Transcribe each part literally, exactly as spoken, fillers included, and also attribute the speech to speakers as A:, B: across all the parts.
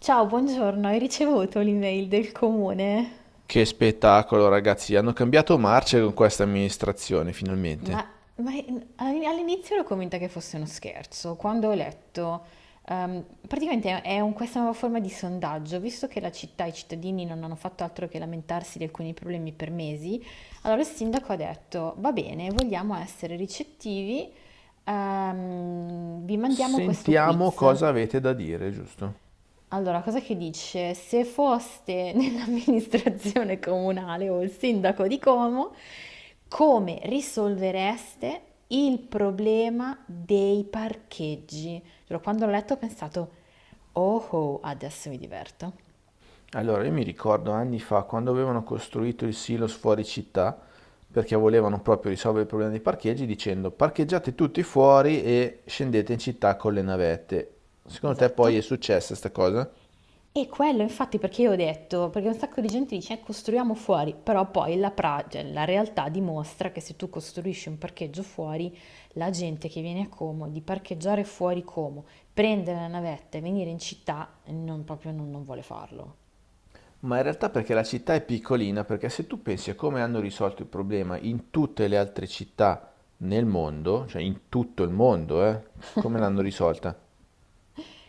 A: Ciao, buongiorno, hai ricevuto l'email del comune?
B: Che spettacolo, ragazzi! Hanno cambiato marcia con questa amministrazione, finalmente.
A: Ma, ma in- all- All'inizio l'ho convinta che fosse uno scherzo, quando ho letto, ehm, praticamente è un- questa nuova forma di sondaggio, visto che la città e i cittadini non hanno fatto altro che lamentarsi di alcuni problemi per mesi. Allora il sindaco ha detto, va bene, vogliamo essere ricettivi, ehm, vi mandiamo questo
B: Sentiamo
A: quiz.
B: cosa avete da dire, giusto?
A: Allora, cosa che dice? Se foste nell'amministrazione comunale o il sindaco di Como, come risolvereste il problema dei parcheggi? Giuro, quando l'ho letto ho pensato, oh, oh, adesso mi diverto.
B: Allora, io mi ricordo anni fa, quando avevano costruito il silos fuori città, perché volevano proprio risolvere il problema dei parcheggi, dicendo parcheggiate tutti fuori e scendete in città con le navette. Secondo te poi è
A: Esatto.
B: successa sta cosa?
A: E quello infatti perché io ho detto, perché un sacco di gente dice "Eh, costruiamo fuori, però poi la, pra- cioè, la realtà dimostra che se tu costruisci un parcheggio fuori, la gente che viene a Como, di parcheggiare fuori Como, prendere la navetta e venire in città, non, proprio non, non vuole farlo.
B: Ma in realtà perché la città è piccolina, perché se tu pensi a come hanno risolto il problema in tutte le altre città nel mondo, cioè in tutto il mondo, eh, come l'hanno risolta?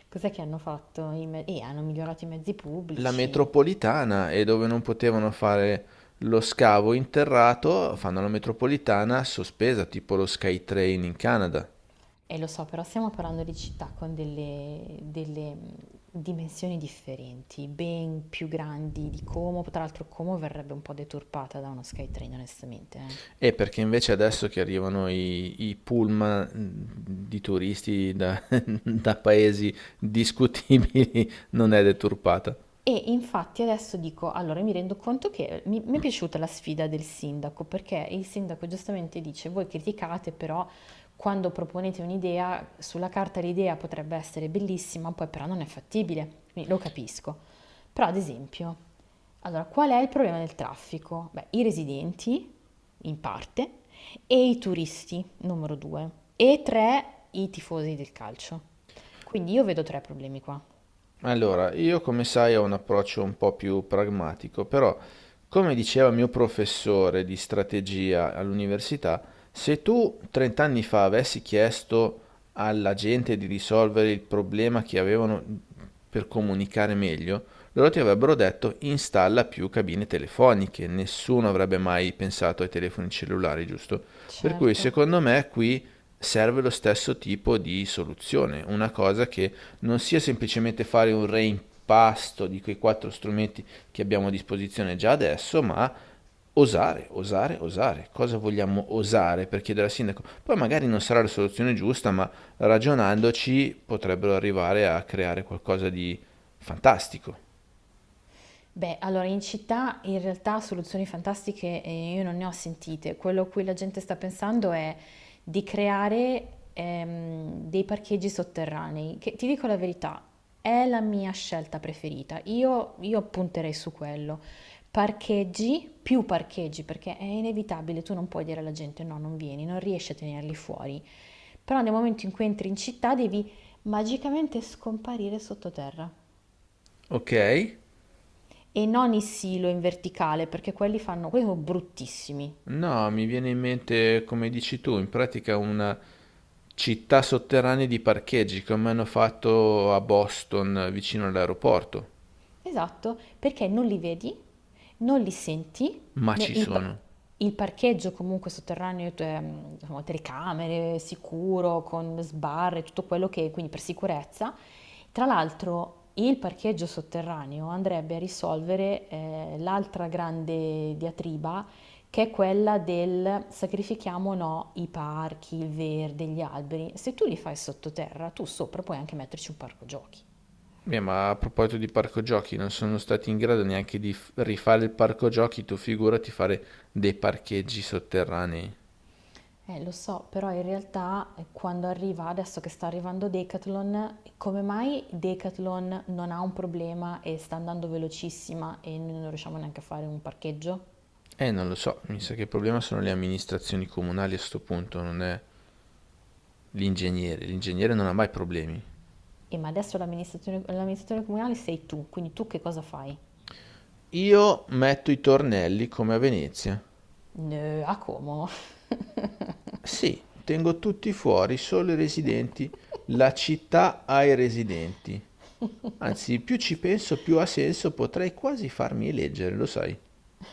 A: Cos'è che hanno fatto? I me- eh, hanno migliorato i mezzi
B: La
A: pubblici.
B: metropolitana e dove non potevano fare lo scavo interrato, fanno la metropolitana sospesa, tipo lo SkyTrain in Canada.
A: E lo so, però stiamo parlando di città con delle, delle, mh, dimensioni differenti, ben più grandi di Como. Tra l'altro Como verrebbe un po' deturpata da uno SkyTrain, onestamente. Eh.
B: E perché invece adesso che arrivano i, i pullman mm, di turisti da, da paesi discutibili non è deturpata.
A: E infatti adesso dico, allora mi rendo conto che mi, mi è piaciuta la sfida del sindaco, perché il sindaco giustamente dice, voi criticate, però quando proponete un'idea, sulla carta l'idea potrebbe essere bellissima, poi però non è fattibile, quindi lo capisco. Però ad esempio, allora qual è il problema del traffico? Beh, i residenti, in parte, e i turisti, numero due, e tre, i tifosi del calcio. Quindi io vedo tre problemi qua.
B: Allora, io come sai ho un approccio un po' più pragmatico, però come diceva il mio professore di strategia all'università, se tu trenta anni fa avessi chiesto alla gente di risolvere il problema che avevano per comunicare meglio, loro ti avrebbero detto installa più cabine telefoniche, nessuno avrebbe mai pensato ai telefoni cellulari, giusto? Per cui
A: Certo.
B: secondo me qui serve lo stesso tipo di soluzione, una cosa che non sia semplicemente fare un reimpasto di quei quattro strumenti che abbiamo a disposizione già adesso, ma osare, osare, osare. Cosa vogliamo osare per chiedere al sindaco? Poi magari non sarà la soluzione giusta, ma ragionandoci potrebbero arrivare a creare qualcosa di fantastico.
A: Beh, allora in città in realtà soluzioni fantastiche, ehm, io non ne ho sentite. Quello a cui la gente sta pensando è di creare, ehm, dei parcheggi sotterranei, che ti dico la verità, è la mia scelta preferita. Io, io punterei su quello. Parcheggi, più parcheggi, perché è inevitabile, tu non puoi dire alla gente no, non vieni, non riesci a tenerli fuori. Però nel momento in cui entri in città devi magicamente scomparire sottoterra.
B: Ok?
A: E non i silo in verticale, perché quelli fanno, quelli sono bruttissimi.
B: No, mi viene in mente, come dici tu, in pratica una città sotterranea di parcheggi come hanno fatto a Boston vicino all'aeroporto.
A: Esatto, perché non li vedi, non li senti,
B: Ma
A: né
B: ci
A: il, pa-
B: sono.
A: il parcheggio comunque sotterraneo, ehm, insomma, telecamere, sicuro, con sbarre, tutto quello che, quindi per sicurezza. Tra l'altro il parcheggio sotterraneo andrebbe a risolvere eh, l'altra grande diatriba che è quella del sacrifichiamo o no i parchi, il verde, gli alberi. Se tu li fai sottoterra, tu sopra puoi anche metterci un parco giochi.
B: Beh, ma a proposito di parco giochi, non sono stati in grado neanche di f- rifare il parco giochi, tu figurati fare dei parcheggi sotterranei.
A: Eh, lo so, però in realtà eh, quando arriva, adesso che sta arrivando Decathlon, come mai Decathlon non ha un problema e sta andando velocissima e noi non riusciamo neanche a fare un parcheggio?
B: Eh, non lo so, mi sa che il problema sono le amministrazioni comunali a sto punto, non è l'ingegnere. L'ingegnere non ha mai problemi.
A: E ma adesso l'amministratore, l'amministratore comunale sei tu, quindi tu che cosa fai?
B: Io metto i tornelli come a Venezia.
A: "No, a Como?
B: Sì, tengo tutti fuori, solo i residenti. La città ha i residenti. Anzi, più ci penso, più ha senso, potrei quasi farmi eleggere, lo sai.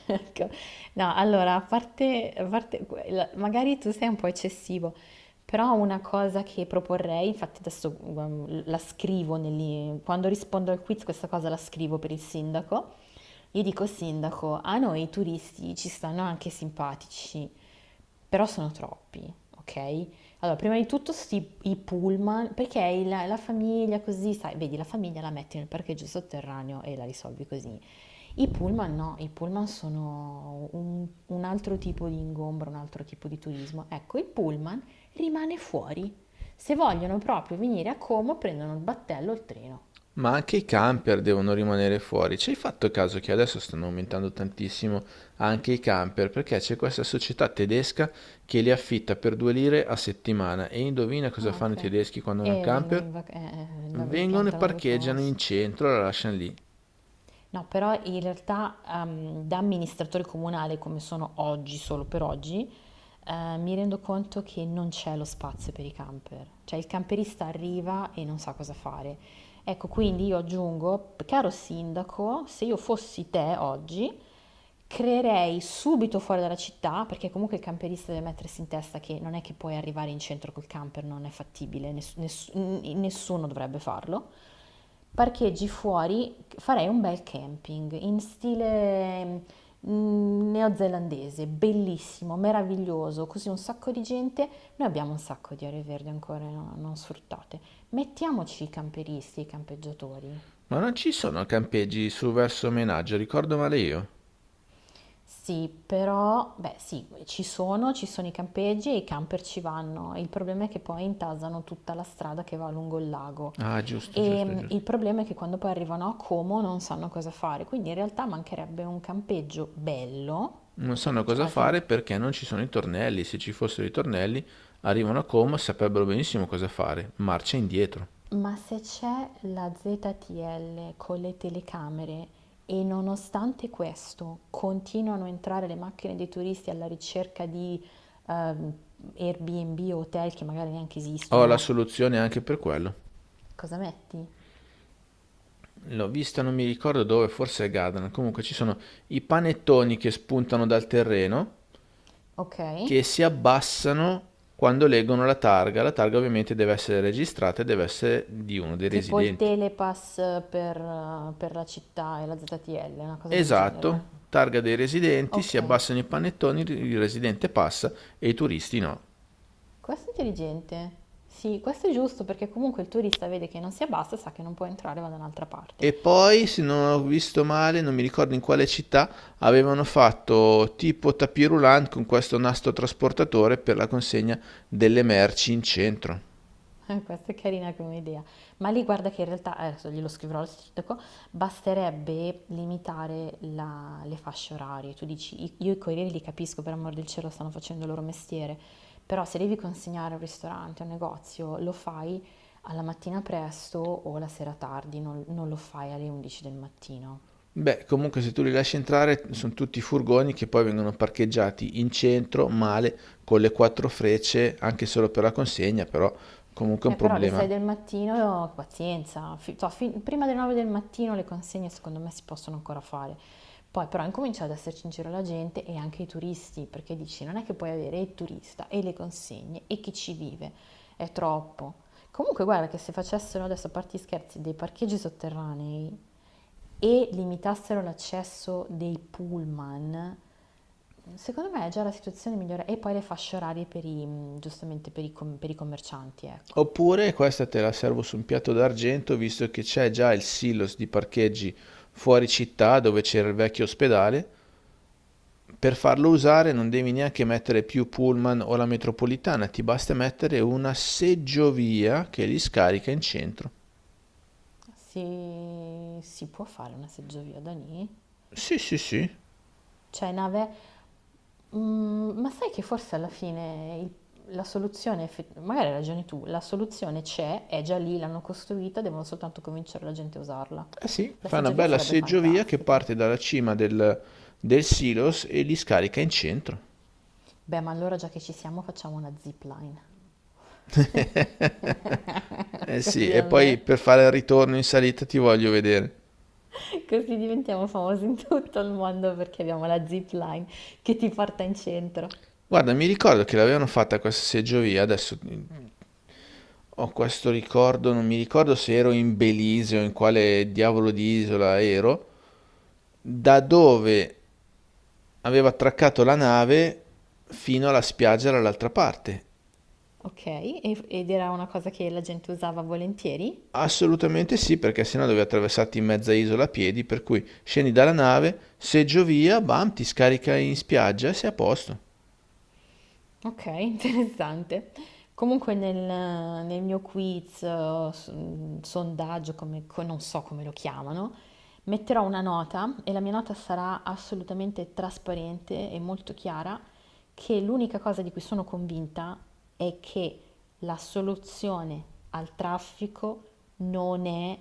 A: Ecco. No, allora, a parte, a parte la- magari tu sei un po' eccessivo, però una cosa che proporrei, infatti adesso um, la scrivo, negli- quando rispondo al quiz questa cosa la scrivo per il sindaco, gli dico, sindaco, a noi i turisti ci stanno anche simpatici. Però sono troppi, ok? Allora, prima di tutto sti, i pullman, perché il- la famiglia così, sai, vedi, la famiglia la metti nel parcheggio sotterraneo e la risolvi così. I pullman no, i pullman sono un, un altro tipo di ingombro, un altro tipo di turismo. Ecco, il pullman rimane fuori. Se vogliono proprio venire a Como, prendono il battello o il treno.
B: Ma anche i camper devono rimanere fuori. Ci hai fatto caso che adesso stanno aumentando tantissimo anche i camper? Perché c'è questa società tedesca che li affitta per due lire a settimana. E indovina cosa
A: Ah,
B: fanno i
A: ok.
B: tedeschi quando hanno un
A: E vengono
B: camper?
A: in vacanza, eh, li
B: Vengono e
A: piantano dove
B: parcheggiano
A: posso.
B: in centro e la lasciano lì.
A: No, però in realtà ehm, da amministratore comunale come sono oggi, solo per oggi, eh, mi rendo conto che non c'è lo spazio per i camper. Cioè il camperista arriva e non sa cosa fare. Ecco, quindi io aggiungo, caro sindaco, se io fossi te oggi, creerei subito fuori dalla città, perché comunque il camperista deve mettersi in testa che non è che puoi arrivare in centro col camper, non è fattibile, ness- ness- n- nessuno dovrebbe farlo. Parcheggi fuori, farei un bel camping in stile mm, neozelandese, bellissimo, meraviglioso, così un sacco di gente. Noi abbiamo un sacco di aree verdi ancora no- non sfruttate. Mettiamoci i camperisti, i campeggiatori.
B: Ma non ci sono campeggi su verso Menaggio, ricordo male io.
A: Sì, però, beh, sì, ci sono, ci sono i campeggi e i camper ci vanno. Il problema è che poi intasano tutta la strada che va lungo il lago.
B: Ah, giusto,
A: E
B: giusto,
A: mh, il
B: giusto.
A: problema è che quando poi arrivano a Como non sanno cosa fare, quindi in realtà mancherebbe un campeggio bello,
B: Non
A: perché
B: sanno
A: cioè,
B: cosa
A: alla fine.
B: fare perché non ci sono i tornelli. Se ci fossero i tornelli, arrivano a Como e saprebbero benissimo cosa fare. Marcia indietro.
A: Ma se c'è la Z T L con le telecamere e nonostante questo continuano a entrare le macchine dei turisti alla ricerca di ehm, Airbnb o hotel che magari neanche
B: Ho la
A: esistono,
B: soluzione anche per quello.
A: cosa metti?
B: L'ho vista, non mi ricordo dove, forse a Gadran. Comunque ci sono i panettoni che spuntano dal terreno,
A: Ok?
B: che si abbassano quando leggono la targa. La targa ovviamente deve essere registrata e deve essere di uno dei
A: Tipo il
B: residenti.
A: telepass per, eh, per la città e la Z T L, una cosa del genere.
B: Esatto, targa dei residenti, si
A: Ok,
B: abbassano i panettoni, il residente passa e i turisti no.
A: questo è intelligente. Sì, questo è giusto perché comunque il turista vede che non si abbassa e sa che non può entrare, va da un'altra parte.
B: E poi, se non ho visto male, non mi ricordo in quale città, avevano fatto tipo tapis roulant con questo nastro trasportatore per la consegna delle merci in centro.
A: Eh, questa è carina come idea, ma lì guarda che in realtà, eh, adesso glielo scriverò al sindaco, basterebbe limitare la- le fasce orarie. Tu dici, "I- io i corrieri li capisco, per amor del cielo stanno facendo il loro mestiere, però se devi consegnare a un ristorante, a un negozio, lo fai alla mattina presto o la sera tardi, non, non lo fai alle undici del mattino.
B: Beh, comunque se tu li lasci entrare sono tutti furgoni che poi vengono parcheggiati in centro, male, con le quattro frecce, anche solo per la consegna, però comunque è
A: Eh,
B: un
A: però alle sei
B: problema.
A: del mattino, pazienza, fi- to- fi- prima delle nove del mattino le consegne secondo me si possono ancora fare. Poi però incomincia ad esserci in giro la gente e anche i turisti, perché dici non è che puoi avere il turista e le consegne e chi ci vive, è troppo. Comunque guarda che se facessero adesso, a parte gli scherzi, dei parcheggi sotterranei e limitassero l'accesso dei pullman, secondo me è già la situazione migliore. E poi le fasce orarie per i, giustamente per i com- per i commercianti, ecco.
B: Oppure questa te la servo su un piatto d'argento, visto che c'è già il silos di parcheggi fuori città dove c'era il vecchio ospedale. Per farlo usare non devi neanche mettere più pullman o la metropolitana, ti basta mettere una seggiovia che li scarica in centro.
A: Si, si può fare una seggiovia da lì?
B: Sì, sì, sì.
A: Cioè, nave, mm, ma sai che forse alla fine il- la soluzione, effe- magari hai ragione tu, la soluzione c'è, è già lì, l'hanno costruita, devono soltanto convincere la gente a usarla.
B: Eh sì,
A: La
B: fa una
A: seggiovia
B: bella
A: sarebbe
B: seggiovia che
A: fantastica.
B: parte dalla cima del, del silos e li scarica in centro.
A: Beh, ma allora già che ci siamo facciamo una zipline.
B: Eh sì,
A: Così
B: e poi
A: almeno,
B: per fare il ritorno in salita ti voglio vedere.
A: così diventiamo famosi in tutto il mondo perché abbiamo la zipline che ti porta in centro.
B: Guarda, mi ricordo che l'avevano fatta questa seggiovia, adesso ho questo ricordo, non mi ricordo se ero in Belize o in quale diavolo di isola ero, da dove aveva attraccato la nave fino alla spiaggia dall'altra parte.
A: Ok, e- ed era una cosa che la gente usava volentieri?
B: Assolutamente sì, perché sennò dovevi attraversarti in mezza isola a piedi, per cui scendi dalla nave, seggio via, bam, ti scarica in spiaggia e sei a posto.
A: Ok, interessante. Comunque nel, nel mio quiz, eh, s- mm, sondaggio, come, co- non so come lo chiamano, metterò una nota e la mia nota sarà assolutamente trasparente e molto chiara che l'unica cosa di cui sono convinta è che la soluzione al traffico non è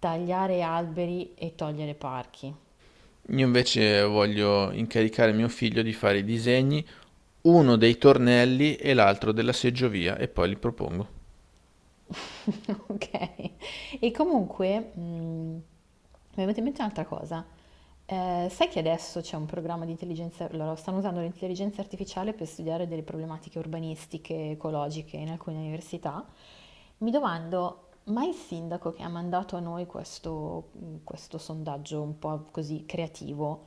A: tagliare alberi e togliere parchi.
B: Io invece voglio incaricare mio figlio di fare i disegni, uno dei tornelli e l'altro della seggiovia, e poi li propongo.
A: Ok. E comunque, mhmm, mi è venuta in mente un'altra cosa. Ehm, sai che adesso c'è un programma di intelligenza loro stanno usando l'intelligenza artificiale per studiare delle problematiche urbanistiche, ecologiche in alcune università. Mi domando: ma il sindaco che ha mandato a noi questo mhmm, questo sondaggio un po' così creativo,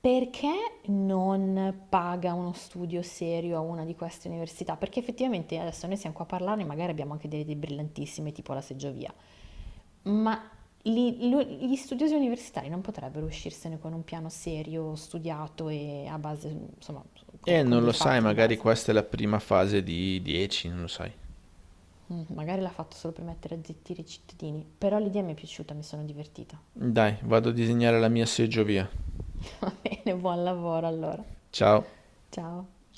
A: perché non paga uno studio serio a una di queste università? Perché effettivamente adesso noi siamo qua a parlarne, magari abbiamo anche delle idee brillantissime, tipo la seggiovia, ma li- lo- gli studiosi universitari non potrebbero uscirsene con un piano serio, studiato e a base, insomma, con,
B: E
A: con
B: non
A: dei
B: lo sai,
A: fatti di
B: magari
A: base.
B: questa è la prima fase di dieci, non lo sai.
A: Mm, Magari l'ha fatto solo per mettere a zittire i cittadini, però l'idea mi è piaciuta, mi sono divertita.
B: Dai, vado a disegnare la mia seggiovia.
A: Va bene, buon lavoro allora.
B: Ciao.
A: Ciao.